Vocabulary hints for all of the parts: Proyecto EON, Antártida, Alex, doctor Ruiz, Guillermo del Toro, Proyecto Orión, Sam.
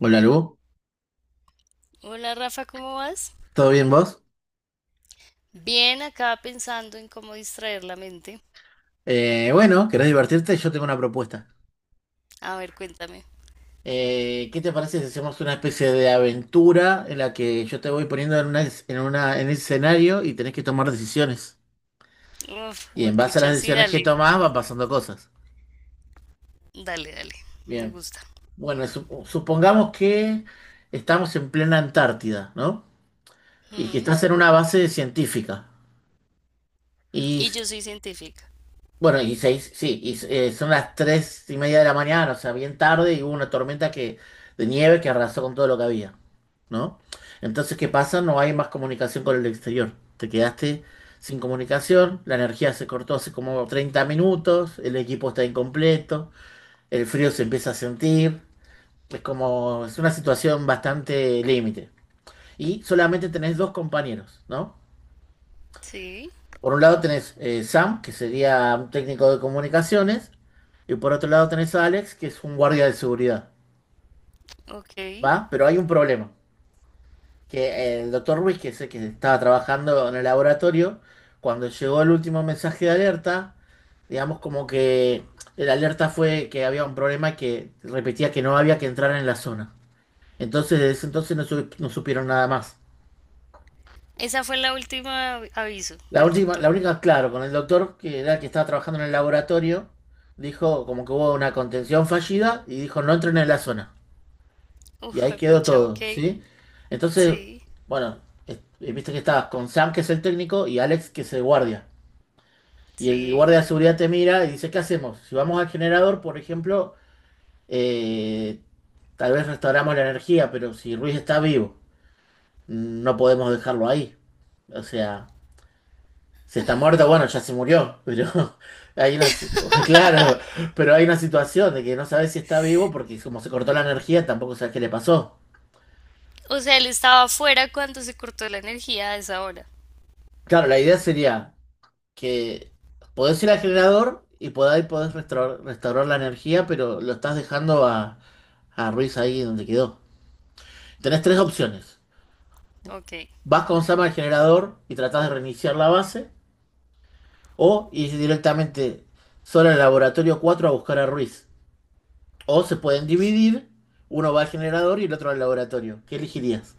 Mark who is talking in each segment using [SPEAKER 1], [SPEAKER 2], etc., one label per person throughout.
[SPEAKER 1] Hola Lu,
[SPEAKER 2] Hola Rafa, ¿cómo vas?
[SPEAKER 1] ¿todo bien vos?
[SPEAKER 2] Bien, acá pensando en cómo distraer la mente.
[SPEAKER 1] Bueno, ¿querés divertirte? Yo tengo una propuesta.
[SPEAKER 2] A ver, cuéntame.
[SPEAKER 1] ¿Qué te parece si hacemos una especie de aventura en la que yo te voy poniendo en una, en el escenario y tenés que tomar decisiones?
[SPEAKER 2] Uf,
[SPEAKER 1] Y en base a las
[SPEAKER 2] pucha, sí,
[SPEAKER 1] decisiones que
[SPEAKER 2] dale.
[SPEAKER 1] tomás van pasando cosas.
[SPEAKER 2] Dale, dale. Me
[SPEAKER 1] Bien,
[SPEAKER 2] gusta.
[SPEAKER 1] bueno, supongamos que estamos en plena Antártida, ¿no? Y que
[SPEAKER 2] Mm.
[SPEAKER 1] estás en una base científica. Y
[SPEAKER 2] Y yo soy científica.
[SPEAKER 1] bueno, y seis, sí, y son las 3:30 de la mañana, o sea, bien tarde, y hubo una tormenta de nieve que arrasó con todo lo que había, ¿no? Entonces, ¿qué
[SPEAKER 2] Ok.
[SPEAKER 1] pasa? No hay más comunicación con el exterior. Te quedaste sin comunicación, la energía se cortó hace como 30 minutos, el equipo está incompleto, el frío se empieza a sentir, es como, es una situación bastante límite. Y solamente tenés dos compañeros, ¿no?
[SPEAKER 2] Sí,
[SPEAKER 1] Por un lado tenés Sam, que sería un técnico de comunicaciones, y por otro lado tenés a Alex, que es un guardia de seguridad,
[SPEAKER 2] ok.
[SPEAKER 1] ¿va? Pero hay un problema, que el doctor Ruiz, que es el que estaba trabajando en el laboratorio, cuando llegó el último mensaje de alerta, digamos como que el alerta fue que había un problema que repetía que no había que entrar en la zona. Entonces, desde ese entonces no, no supieron nada más.
[SPEAKER 2] Esa fue la última aviso
[SPEAKER 1] La
[SPEAKER 2] del
[SPEAKER 1] última,
[SPEAKER 2] doctor.
[SPEAKER 1] la única, claro, con el doctor que era el que estaba trabajando en el laboratorio, dijo como que hubo una contención fallida y dijo no entren en la zona. Y
[SPEAKER 2] Uf,
[SPEAKER 1] ahí quedó
[SPEAKER 2] pucha,
[SPEAKER 1] todo,
[SPEAKER 2] ok.
[SPEAKER 1] ¿sí? Entonces,
[SPEAKER 2] Sí,
[SPEAKER 1] bueno, viste que estabas con Sam, que es el técnico, y Alex, que es el guardia. Y el
[SPEAKER 2] sí.
[SPEAKER 1] guardia de seguridad te mira y dice, ¿qué hacemos? Si vamos al generador, por ejemplo, eh, tal vez restauramos la energía, pero si Ruiz está vivo, no podemos dejarlo ahí. O sea. Si está muerto, bueno, ya se murió, pero hay una, si- claro, pero hay una situación de que no sabes si está vivo porque como se cortó la energía, tampoco sabes qué le pasó.
[SPEAKER 2] O sea, él estaba afuera cuando se cortó la energía a esa hora.
[SPEAKER 1] Claro, la idea sería que podés ir al generador y podés restaurar la energía, pero lo estás dejando a, Ruiz ahí donde quedó. Tenés tres opciones.
[SPEAKER 2] Ok.
[SPEAKER 1] Vas con Sama al generador y tratás de reiniciar la base, o ir directamente solo al laboratorio 4 a buscar a Ruiz. O se pueden dividir, uno va al generador y el otro al laboratorio. ¿Qué elegirías?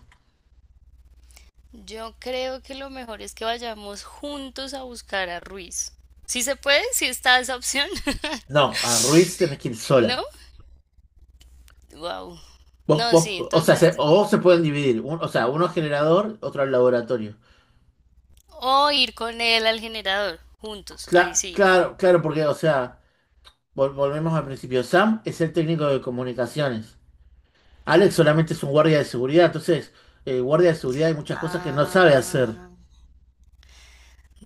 [SPEAKER 2] Yo creo que lo mejor es que vayamos juntos a buscar a Ruiz. ¿Sí se puede? ¿Sí está esa opción?
[SPEAKER 1] No, a Ruiz tenés que ir sola.
[SPEAKER 2] ¿No? Wow. No, sí,
[SPEAKER 1] O sea,
[SPEAKER 2] entonces.
[SPEAKER 1] o se pueden dividir, o sea, uno al generador, otro al laboratorio.
[SPEAKER 2] O ir con él al generador, juntos, ahí sí.
[SPEAKER 1] Claro, claro, porque, o sea, volvemos al principio. Sam es el técnico de comunicaciones. Alex solamente es un guardia de seguridad, entonces, guardia de seguridad hay muchas cosas que no sabe hacer.
[SPEAKER 2] Ah,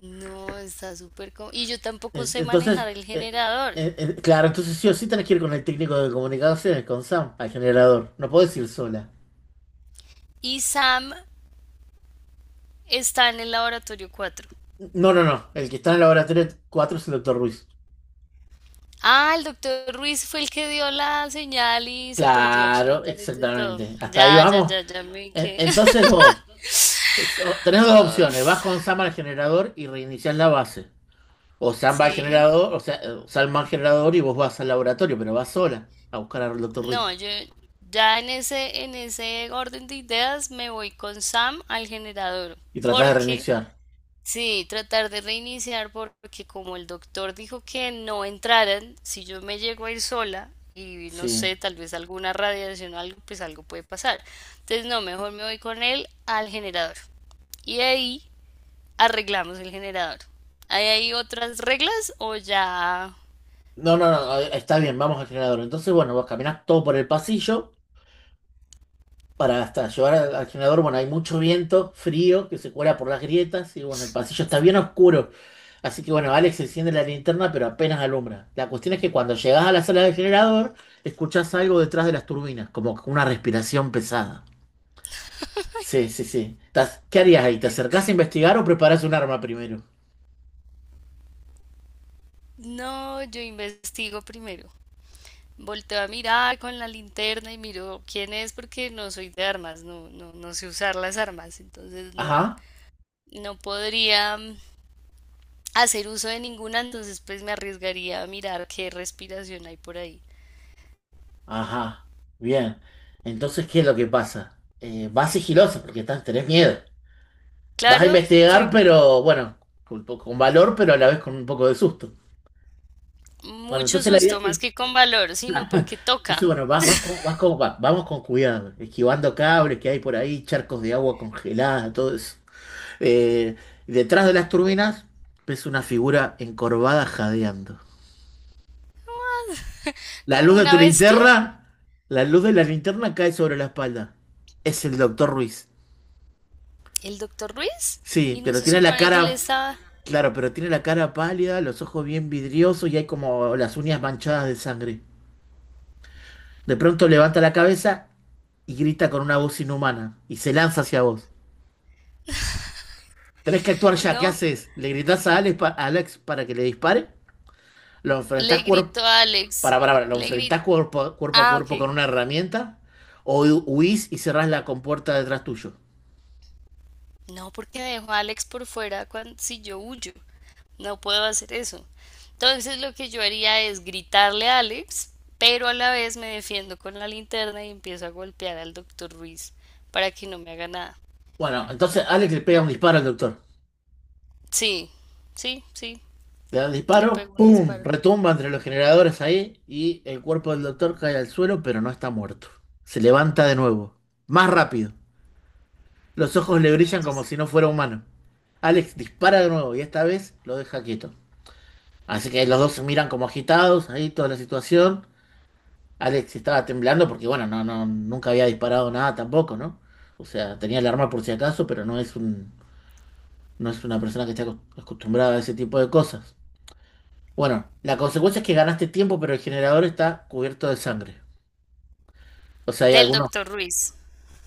[SPEAKER 2] no, está súper. Y yo tampoco sé
[SPEAKER 1] Entonces,
[SPEAKER 2] manejar el
[SPEAKER 1] eh,
[SPEAKER 2] generador.
[SPEAKER 1] claro, entonces sí o sí tenés que ir con el técnico de comunicaciones, con Sam, al generador. No podés ir sola.
[SPEAKER 2] Y Sam está en el laboratorio 4.
[SPEAKER 1] No, no, no. El que está en el laboratorio 4 es el doctor Ruiz.
[SPEAKER 2] Ah, el doctor Ruiz fue el que dio la señal y se perdió
[SPEAKER 1] Claro,
[SPEAKER 2] absolutamente todo.
[SPEAKER 1] exactamente. Hasta ahí
[SPEAKER 2] Ya, ya,
[SPEAKER 1] vamos.
[SPEAKER 2] ya, ya me quedé.
[SPEAKER 1] Entonces vos tenés dos opciones. Vas
[SPEAKER 2] Uf,
[SPEAKER 1] con Sam al generador y reiniciás la base. O Sam va al
[SPEAKER 2] sí.
[SPEAKER 1] generador, o sea, Sam va al generador y vos vas al laboratorio, pero vas sola a buscar al doctor Ruiz.
[SPEAKER 2] No, yo ya en ese orden de ideas me voy con Sam al generador.
[SPEAKER 1] Y tratás de
[SPEAKER 2] Porque,
[SPEAKER 1] reiniciar.
[SPEAKER 2] sí, tratar de reiniciar porque como el doctor dijo que no entraran, si yo me llego a ir sola y no
[SPEAKER 1] Sí.
[SPEAKER 2] sé, tal vez alguna radiación o algo, pues algo puede pasar. Entonces, no, mejor me voy con él al generador. Y ahí arreglamos el generador. ¿Hay ahí otras reglas o ya?
[SPEAKER 1] No, no, no. Está bien, vamos al generador. Entonces, bueno, vos caminás todo por el pasillo, para hasta llevar al generador, bueno, hay mucho viento, frío, que se cuela por las grietas y bueno, el pasillo está bien oscuro. Así que bueno, Alex enciende la linterna, pero apenas alumbra. La cuestión es que cuando llegas a la sala del generador, escuchás algo detrás de las turbinas, como una respiración pesada. Sí, sí, sí. ¿Qué harías ahí? ¿Te acercás a investigar o preparás un arma primero?
[SPEAKER 2] No, yo investigo primero. Volteo a mirar con la linterna y miro quién es porque no soy de armas, no, no, no sé usar las armas, entonces no,
[SPEAKER 1] Ajá,
[SPEAKER 2] no podría, hacer uso de ninguna, entonces pues me arriesgaría a mirar qué respiración hay por ahí.
[SPEAKER 1] ajá. Bien. Entonces, ¿qué es lo que pasa? Vas sigiloso porque tenés miedo. Vas a
[SPEAKER 2] Claro,
[SPEAKER 1] investigar,
[SPEAKER 2] soy
[SPEAKER 1] pero bueno, con valor, pero a la vez con un poco de susto. Bueno,
[SPEAKER 2] mucho
[SPEAKER 1] entonces la idea es
[SPEAKER 2] susto, más
[SPEAKER 1] que,
[SPEAKER 2] que con valor, sino porque
[SPEAKER 1] entonces
[SPEAKER 2] toca.
[SPEAKER 1] bueno, vamos con cuidado, esquivando cables que hay por ahí, charcos de agua congelada, todo eso. Eh, Detrás de las turbinas ves una figura encorvada jadeando. La
[SPEAKER 2] Como
[SPEAKER 1] luz de
[SPEAKER 2] una
[SPEAKER 1] tu
[SPEAKER 2] bestia,
[SPEAKER 1] linterna, la luz de la linterna cae sobre la espalda. Es el doctor Ruiz.
[SPEAKER 2] el doctor Ruiz,
[SPEAKER 1] Sí,
[SPEAKER 2] y no se supone que le estaba,
[SPEAKER 1] claro, pero tiene la cara pálida, los ojos bien vidriosos y hay como las uñas manchadas de sangre. De pronto levanta la cabeza y grita con una voz inhumana y se lanza hacia vos. Tenés que actuar ya, ¿qué
[SPEAKER 2] no,
[SPEAKER 1] haces? ¿Le gritás a Alex, para que le dispare? ¿Lo enfrentás
[SPEAKER 2] le
[SPEAKER 1] cuerpo
[SPEAKER 2] gritó a Alex,
[SPEAKER 1] ¿Lo
[SPEAKER 2] le
[SPEAKER 1] enfrentás
[SPEAKER 2] gritó,
[SPEAKER 1] cuerpo, a- cuerpo a
[SPEAKER 2] ah,
[SPEAKER 1] cuerpo
[SPEAKER 2] ok.
[SPEAKER 1] con una herramienta? ¿O huís y cerrás la compuerta detrás tuyo?
[SPEAKER 2] No, porque dejo a Alex por fuera cuando, si yo huyo. No puedo hacer eso. Entonces lo que yo haría es gritarle a Alex, pero a la vez me defiendo con la linterna y empiezo a golpear al doctor Ruiz para que no me haga nada.
[SPEAKER 1] Bueno, entonces Alex le pega un disparo al doctor.
[SPEAKER 2] Sí, sí, sí,
[SPEAKER 1] Le da un
[SPEAKER 2] le
[SPEAKER 1] disparo,
[SPEAKER 2] pego un
[SPEAKER 1] ¡pum!
[SPEAKER 2] disparo.
[SPEAKER 1] Retumba entre los generadores ahí y el cuerpo del doctor cae al suelo, pero no está muerto. Se levanta de nuevo, más rápido. Los ojos
[SPEAKER 2] No,
[SPEAKER 1] le brillan como
[SPEAKER 2] rayos.
[SPEAKER 1] si no fuera humano. Alex dispara de nuevo y esta vez lo deja quieto. Así que los dos se miran como agitados, ahí toda la situación. Alex estaba temblando porque, bueno, no, no, nunca había disparado nada tampoco, ¿no? O sea, tenía el arma por si acaso, pero no es una persona que esté acostumbrada a ese tipo de cosas. Bueno, la consecuencia es que ganaste tiempo, pero el generador está cubierto de sangre. O sea. hay
[SPEAKER 2] Del
[SPEAKER 1] algunos
[SPEAKER 2] doctor Ruiz.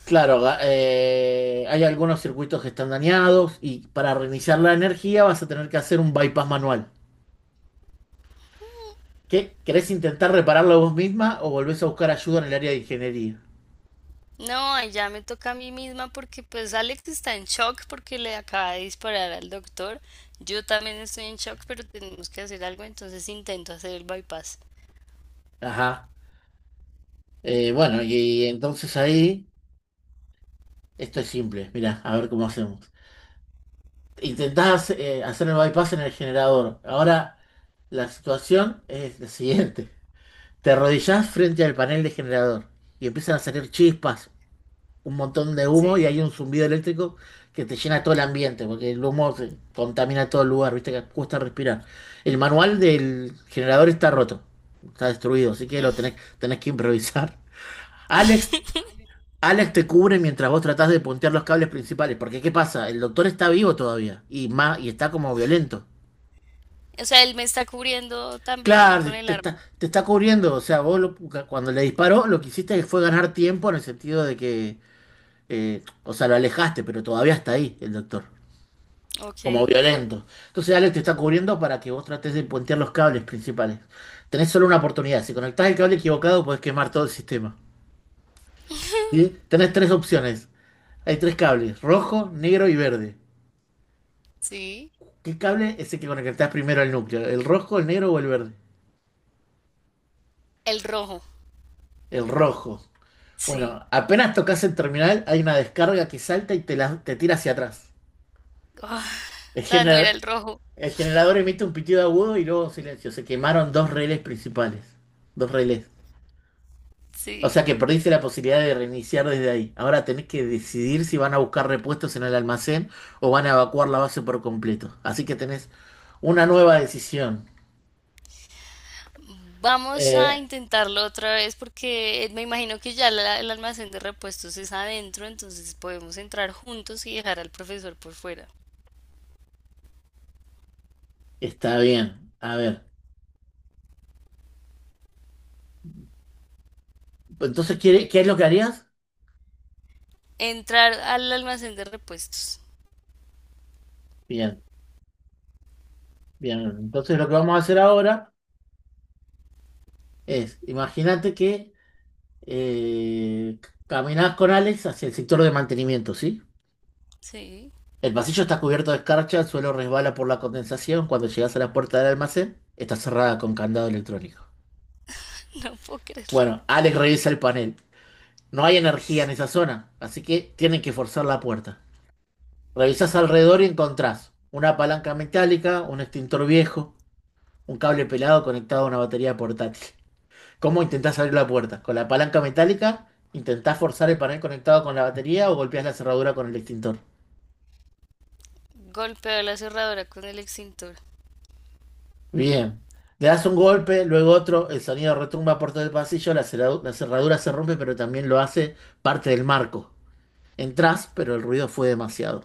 [SPEAKER 1] Claro, hay algunos circuitos que están dañados y para reiniciar la energía vas a tener que hacer un bypass manual. ¿Qué? ¿Querés intentar repararlo vos misma o volvés a buscar ayuda en el área de ingeniería?
[SPEAKER 2] No, ya me toca a mí misma porque pues Alex está en shock porque le acaba de disparar al doctor. Yo también estoy en shock, pero tenemos que hacer algo, entonces intento hacer el bypass.
[SPEAKER 1] Ajá. Bueno, y, entonces ahí, esto es simple. Mirá, a ver cómo hacemos. Intentás hacer el bypass en el generador. Ahora, la situación es la siguiente. Te arrodillás frente al panel de generador y empiezan a salir chispas, un montón de humo y
[SPEAKER 2] Sí.
[SPEAKER 1] hay un zumbido eléctrico que te llena todo el ambiente, porque el humo se contamina todo el lugar, viste que cuesta respirar. El manual del generador está roto, está destruido, así que tenés que improvisar. Alex, Alex te cubre mientras vos tratás de puntear los cables principales, porque ¿qué pasa? El doctor está vivo todavía y está como violento.
[SPEAKER 2] O sea, él me está cubriendo también ahí
[SPEAKER 1] Claro,
[SPEAKER 2] con el arma.
[SPEAKER 1] te está cubriendo, o sea, Cuando le disparó lo que hiciste fue ganar tiempo en el sentido de que, o sea, lo alejaste, pero todavía está ahí el doctor. Como
[SPEAKER 2] Ok,
[SPEAKER 1] violento. Entonces Alex te está cubriendo para que vos trates de puentear los cables principales. Tenés solo una oportunidad. Si conectás el cable equivocado, podés quemar todo el sistema. ¿Sí? Tenés tres opciones. Hay tres cables, rojo, negro y verde.
[SPEAKER 2] sí.
[SPEAKER 1] ¿Qué cable es el que conectás primero al núcleo? ¿El rojo, el negro o el verde?
[SPEAKER 2] El rojo.
[SPEAKER 1] El rojo.
[SPEAKER 2] Sí.
[SPEAKER 1] Bueno, apenas tocas el terminal, hay una descarga que salta y te tira hacia atrás.
[SPEAKER 2] Ah,
[SPEAKER 1] El,
[SPEAKER 2] o sea, no era
[SPEAKER 1] gener-
[SPEAKER 2] el rojo.
[SPEAKER 1] el generador emite un pitido agudo y luego silencio. Se quemaron dos relés principales. Dos relés. O sea
[SPEAKER 2] Sí.
[SPEAKER 1] que perdiste la posibilidad de reiniciar desde ahí. Ahora tenés que decidir si van a buscar repuestos en el almacén o van a evacuar la base por completo. Así que tenés una nueva decisión.
[SPEAKER 2] Vamos a
[SPEAKER 1] Eh,
[SPEAKER 2] intentarlo otra vez porque me imagino que ya el almacén de repuestos es adentro, entonces podemos entrar juntos y dejar al profesor por fuera.
[SPEAKER 1] está bien. A ver. Entonces, ¿qué es lo que harías?
[SPEAKER 2] Entrar al almacén de repuestos.
[SPEAKER 1] Bien, bien. Entonces lo que vamos a hacer ahora es, imagínate que eh, caminás con Alex hacia el sector de mantenimiento, ¿sí?
[SPEAKER 2] Sí.
[SPEAKER 1] El pasillo está cubierto de escarcha, el suelo resbala por la condensación. Cuando llegas a la puerta del almacén, está cerrada con candado electrónico.
[SPEAKER 2] No puedo creerlo.
[SPEAKER 1] Bueno, Alex revisa el panel. No hay energía en esa zona, así que tienen que forzar la puerta. Revisás alrededor y encontrás una palanca metálica, un extintor viejo, un cable pelado conectado a una batería portátil. ¿Cómo intentás abrir la puerta? ¿Con la palanca metálica? ¿Intentás forzar el panel conectado con la batería o golpeás la cerradura con el extintor?
[SPEAKER 2] Golpeó la cerradura con el extintor
[SPEAKER 1] Bien. Le das un golpe, luego otro, el sonido retumba por todo el pasillo, la cerradura se rompe, pero también lo hace parte del marco. Entrás, pero el ruido fue demasiado.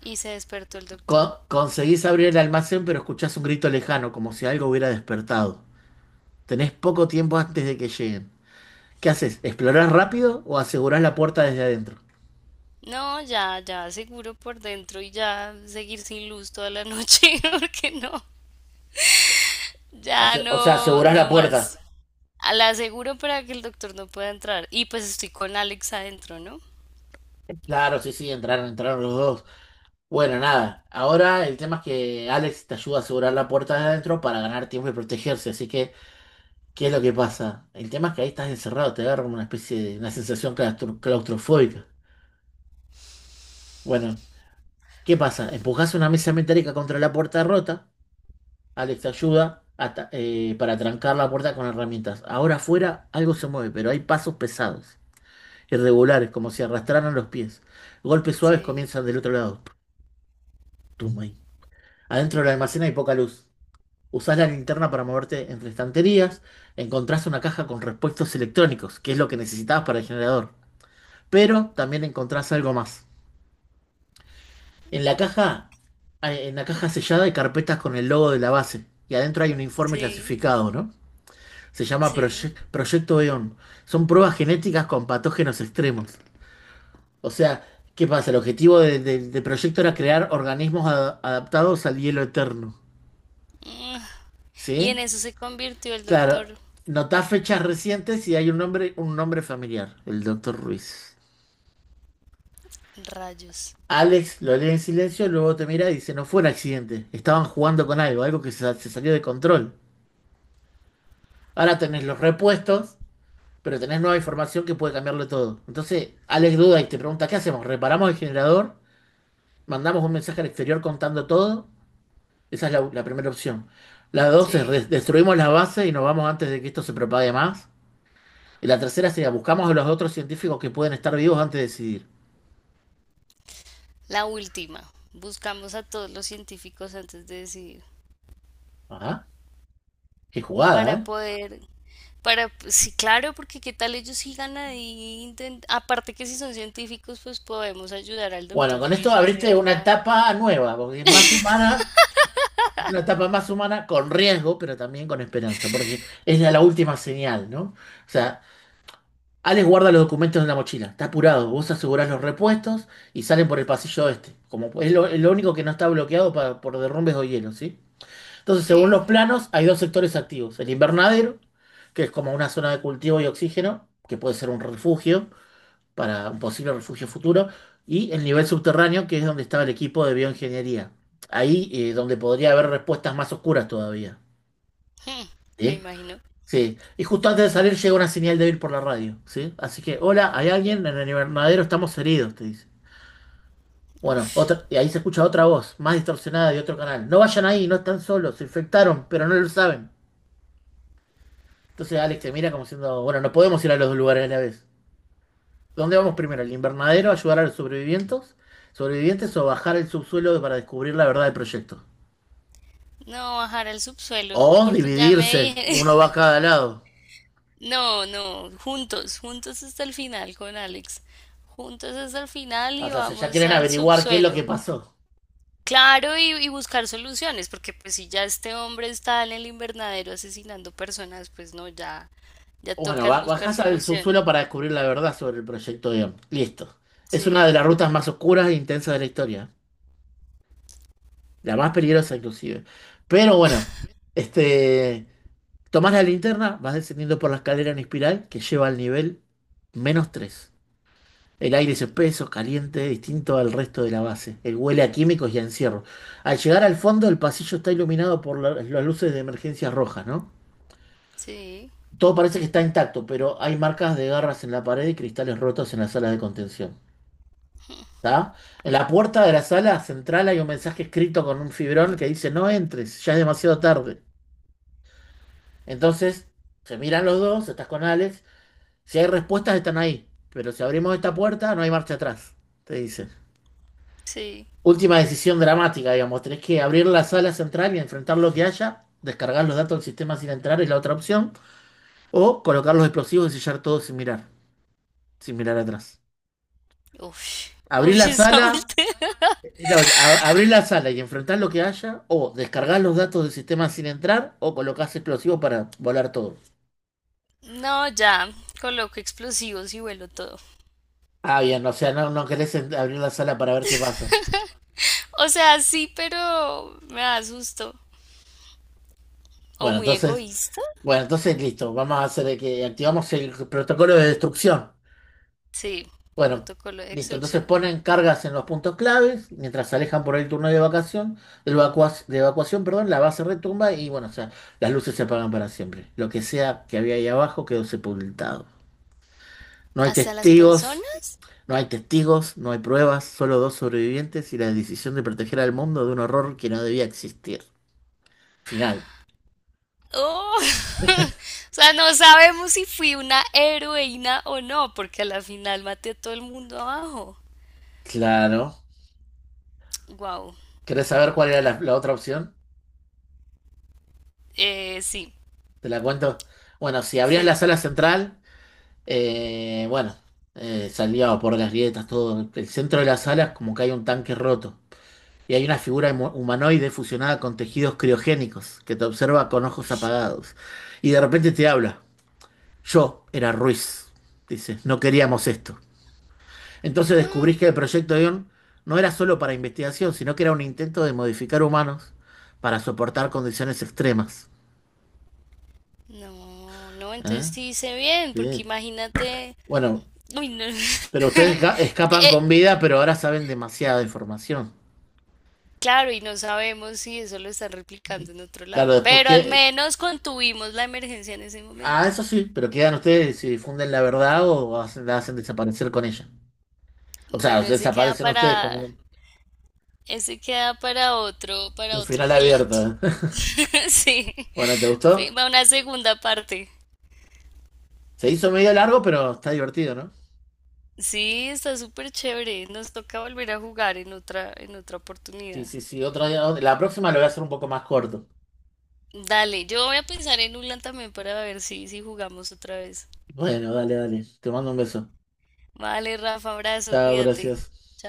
[SPEAKER 2] y se despertó el doctor.
[SPEAKER 1] Conseguís abrir el almacén, pero escuchás un grito lejano, como si algo hubiera despertado. Tenés poco tiempo antes de que lleguen. ¿Qué haces? ¿Explorás rápido o asegurás la puerta desde adentro?
[SPEAKER 2] No, ya, ya, seguro por dentro y ya seguir sin luz toda la noche, porque no, ya
[SPEAKER 1] O sea,
[SPEAKER 2] no,
[SPEAKER 1] asegurás la
[SPEAKER 2] no más.
[SPEAKER 1] puerta.
[SPEAKER 2] A La aseguro para que el doctor no pueda entrar. Y pues estoy con Alex adentro, ¿no?
[SPEAKER 1] Claro, sí, sí, entraron los dos. Bueno, nada. Ahora el tema es que Alex te ayuda a asegurar la puerta de adentro para ganar tiempo y protegerse. Así que, ¿qué es lo que pasa? El tema es que ahí estás encerrado, te agarra una especie de una sensación claustrofóbica. Bueno, ¿qué pasa? Empujás una mesa metálica contra la puerta rota. Alex ayuda a para trancar la puerta con herramientas. Ahora afuera algo se mueve, pero hay pasos pesados, irregulares, como si arrastraran los pies. Golpes suaves
[SPEAKER 2] Sí,
[SPEAKER 1] comienzan del otro lado. Tum, ahí. Adentro del almacén hay poca luz. Usás la linterna para moverte entre estanterías. Encontrás una caja con repuestos electrónicos, que es lo que necesitabas para el generador. Pero también encontrás algo más. En la caja, en la caja sellada hay carpetas con el logo de la base. Y adentro hay un informe
[SPEAKER 2] sí,
[SPEAKER 1] clasificado, ¿no? Se llama
[SPEAKER 2] sí.
[SPEAKER 1] Proyecto EON. Son pruebas genéticas con patógenos extremos. O sea, ¿qué pasa? El objetivo del proyecto era crear organismos adaptados al hielo eterno.
[SPEAKER 2] Y
[SPEAKER 1] ¿Sí?
[SPEAKER 2] en eso se convirtió el
[SPEAKER 1] Claro,
[SPEAKER 2] doctor.
[SPEAKER 1] notá fechas recientes y hay un nombre familiar, el doctor Ruiz.
[SPEAKER 2] Rayos.
[SPEAKER 1] Alex lo lee en silencio, luego te mira y dice, no fue un accidente, estaban jugando con algo, algo que se salió de control. Ahora tenés los repuestos, pero tenés nueva información que puede cambiarlo todo. Entonces, Alex duda y te pregunta, ¿qué hacemos? ¿Reparamos el generador? Mandamos un mensaje al exterior contando todo. Esa es la primera opción. La dos es
[SPEAKER 2] Sí.
[SPEAKER 1] destruimos las bases y nos vamos antes de que esto se propague más. Y la tercera sería buscamos a los otros científicos que pueden estar vivos antes de decidir.
[SPEAKER 2] La última. Buscamos a todos los científicos antes de decidir.
[SPEAKER 1] Ajá, qué jugada,
[SPEAKER 2] Para
[SPEAKER 1] ¿eh?
[SPEAKER 2] poder, sí, claro, porque qué tal ellos sigan ahí, aparte que si son científicos, pues podemos ayudar al
[SPEAKER 1] Bueno,
[SPEAKER 2] doctor
[SPEAKER 1] con esto
[SPEAKER 2] Ruiz a
[SPEAKER 1] abriste una
[SPEAKER 2] hacerla.
[SPEAKER 1] etapa nueva, porque es más humana, es una etapa más humana con riesgo, pero también con esperanza, porque es la última señal, ¿no? O sea, Alex guarda los documentos en la mochila, está apurado. Vos asegurás los repuestos y salen por el pasillo este. Como es lo único que no está bloqueado por derrumbes o hielo, ¿sí? Entonces, según los
[SPEAKER 2] Sí,
[SPEAKER 1] planos, hay dos sectores activos. El invernadero, que es como una zona de cultivo y oxígeno, que puede ser un refugio para un posible refugio futuro, y el nivel subterráneo, que es donde estaba el equipo de bioingeniería. Ahí donde podría haber respuestas más oscuras todavía.
[SPEAKER 2] hmm, me
[SPEAKER 1] ¿Sí?
[SPEAKER 2] imagino.
[SPEAKER 1] Sí, y justo antes de salir llega una señal débil por la radio, ¿sí? Así que, hola, ¿hay alguien? En el invernadero estamos heridos, te dice. Bueno,
[SPEAKER 2] Uf,
[SPEAKER 1] otra, y ahí se escucha otra voz, más distorsionada de otro canal. No vayan ahí, no están solos, se infectaron, pero no lo saben. Entonces Alex te mira como diciendo, bueno, no podemos ir a los dos lugares a la vez. ¿Dónde vamos primero? ¿El invernadero, ayudar a los sobrevivientes? ¿Sobrevivientes o bajar el subsuelo para descubrir la verdad del proyecto?
[SPEAKER 2] no, bajar al subsuelo,
[SPEAKER 1] O
[SPEAKER 2] porque ya me
[SPEAKER 1] dividirse,
[SPEAKER 2] dije.
[SPEAKER 1] uno va a cada lado.
[SPEAKER 2] No, no, juntos, juntos hasta el final con Alex. Juntos hasta el final
[SPEAKER 1] O
[SPEAKER 2] y
[SPEAKER 1] sea, ya
[SPEAKER 2] vamos
[SPEAKER 1] quieren
[SPEAKER 2] al
[SPEAKER 1] averiguar qué es lo que
[SPEAKER 2] subsuelo.
[SPEAKER 1] pasó.
[SPEAKER 2] Claro, y buscar soluciones, porque pues si ya este hombre está en el invernadero asesinando personas, pues no, ya, ya
[SPEAKER 1] Bueno,
[SPEAKER 2] tocas buscar
[SPEAKER 1] bajás al
[SPEAKER 2] solución.
[SPEAKER 1] subsuelo para descubrir la verdad sobre el proyecto Orión. Listo. Es una
[SPEAKER 2] Sí,
[SPEAKER 1] de las rutas más oscuras e intensas de la historia. La más peligrosa, inclusive. Pero bueno, este, tomás la linterna, vas descendiendo por la escalera en espiral que lleva al nivel menos 3. El aire es espeso, caliente, distinto al resto de la base. El huele a químicos y a encierro. Al llegar al fondo, el pasillo está iluminado por las luces de emergencia rojas, ¿no?
[SPEAKER 2] sí,
[SPEAKER 1] Todo parece que está intacto, pero hay marcas de garras en la pared y cristales rotos en la sala de contención. ¿Está? En la puerta de la sala central hay un mensaje escrito con un fibrón que dice: No entres, ya es demasiado tarde. Entonces, se miran los dos, estás con Alex. Si hay respuestas, están ahí. Pero si abrimos esta puerta, no hay marcha atrás, te dice.
[SPEAKER 2] sí.
[SPEAKER 1] Última decisión dramática, digamos. Tenés que abrir la sala central y enfrentar lo que haya, descargar los datos del sistema sin entrar es la otra opción, o colocar los explosivos y sellar todo sin mirar, sin mirar atrás.
[SPEAKER 2] Uf,
[SPEAKER 1] Abrí
[SPEAKER 2] uf,
[SPEAKER 1] la
[SPEAKER 2] esa
[SPEAKER 1] sala,
[SPEAKER 2] última.
[SPEAKER 1] no, abrí la sala y enfrentar lo que haya, o descargar los datos del sistema sin entrar, o colocás explosivos para volar todo.
[SPEAKER 2] No, ya, coloco explosivos y vuelo todo.
[SPEAKER 1] Ah, bien, o sea, no, no querés abrir la sala para ver qué pasa.
[SPEAKER 2] O sea, sí, pero me da susto. O
[SPEAKER 1] Bueno,
[SPEAKER 2] muy
[SPEAKER 1] entonces,
[SPEAKER 2] egoísta.
[SPEAKER 1] bueno, entonces listo, vamos a hacer que activamos el protocolo de destrucción.
[SPEAKER 2] Sí,
[SPEAKER 1] Bueno,
[SPEAKER 2] protocolo de
[SPEAKER 1] listo, entonces
[SPEAKER 2] extorsión.
[SPEAKER 1] ponen cargas en los puntos claves, mientras se alejan por el turno de evacuación, de evacuación, perdón, la base retumba y bueno, o sea, las luces se apagan para siempre. Lo que sea que había ahí abajo quedó sepultado. No hay
[SPEAKER 2] ¿Hasta las
[SPEAKER 1] testigos,
[SPEAKER 2] personas?
[SPEAKER 1] no hay testigos, no hay pruebas, solo dos sobrevivientes y la decisión de proteger al mundo de un horror que no debía existir. Final.
[SPEAKER 2] Oh, o sea, no sabemos si fui una heroína o no, porque a la final maté a todo el mundo abajo.
[SPEAKER 1] Claro.
[SPEAKER 2] Wow.
[SPEAKER 1] ¿Querés saber cuál era la otra opción?
[SPEAKER 2] Sí,
[SPEAKER 1] Te la cuento. Bueno, si abrías la
[SPEAKER 2] sí.
[SPEAKER 1] sala central, eh, bueno, salía por las grietas, todo. El centro de la sala es como que hay un tanque roto. Y hay una figura humanoide fusionada con tejidos criogénicos que te observa con ojos
[SPEAKER 2] Ush.
[SPEAKER 1] apagados. Y de repente te habla. Yo era Ruiz, dice, no queríamos esto. Entonces
[SPEAKER 2] Ah,
[SPEAKER 1] descubrís que el proyecto Ion no era solo para investigación, sino que era un intento de modificar humanos para soportar condiciones extremas.
[SPEAKER 2] no, no, entonces
[SPEAKER 1] ¿Eh?
[SPEAKER 2] sí hice bien, porque
[SPEAKER 1] Sí.
[SPEAKER 2] imagínate.
[SPEAKER 1] Bueno,
[SPEAKER 2] Uy, no.
[SPEAKER 1] pero ustedes escapan
[SPEAKER 2] Eh,
[SPEAKER 1] con vida, pero ahora saben demasiada información.
[SPEAKER 2] claro, y no sabemos si eso lo están replicando
[SPEAKER 1] Y,
[SPEAKER 2] en otro
[SPEAKER 1] claro,
[SPEAKER 2] lado,
[SPEAKER 1] después
[SPEAKER 2] pero al
[SPEAKER 1] que...
[SPEAKER 2] menos contuvimos la emergencia en ese
[SPEAKER 1] Ah,
[SPEAKER 2] momento.
[SPEAKER 1] eso sí, pero quedan ustedes si difunden la verdad o la hacen desaparecer con ella. O sea,
[SPEAKER 2] Bueno,
[SPEAKER 1] desaparecen ustedes con
[SPEAKER 2] ese queda para otro, para
[SPEAKER 1] un
[SPEAKER 2] otro
[SPEAKER 1] final
[SPEAKER 2] relato.
[SPEAKER 1] abierto.
[SPEAKER 2] Sí,
[SPEAKER 1] Bueno, ¿te gustó?
[SPEAKER 2] sí, va una segunda parte.
[SPEAKER 1] Se hizo medio largo, pero está divertido, ¿no?
[SPEAKER 2] Sí, está súper chévere. Nos toca volver a jugar en otra
[SPEAKER 1] Sí,
[SPEAKER 2] oportunidad.
[SPEAKER 1] sí, sí, otro día. La próxima lo voy a hacer un poco más corto.
[SPEAKER 2] Dale, yo voy a pensar en Ulan también para ver si jugamos otra vez.
[SPEAKER 1] Bueno, dale, dale. Te mando un beso.
[SPEAKER 2] Vale, Rafa, abrazo,
[SPEAKER 1] Chao,
[SPEAKER 2] cuídate.
[SPEAKER 1] gracias.
[SPEAKER 2] Chao.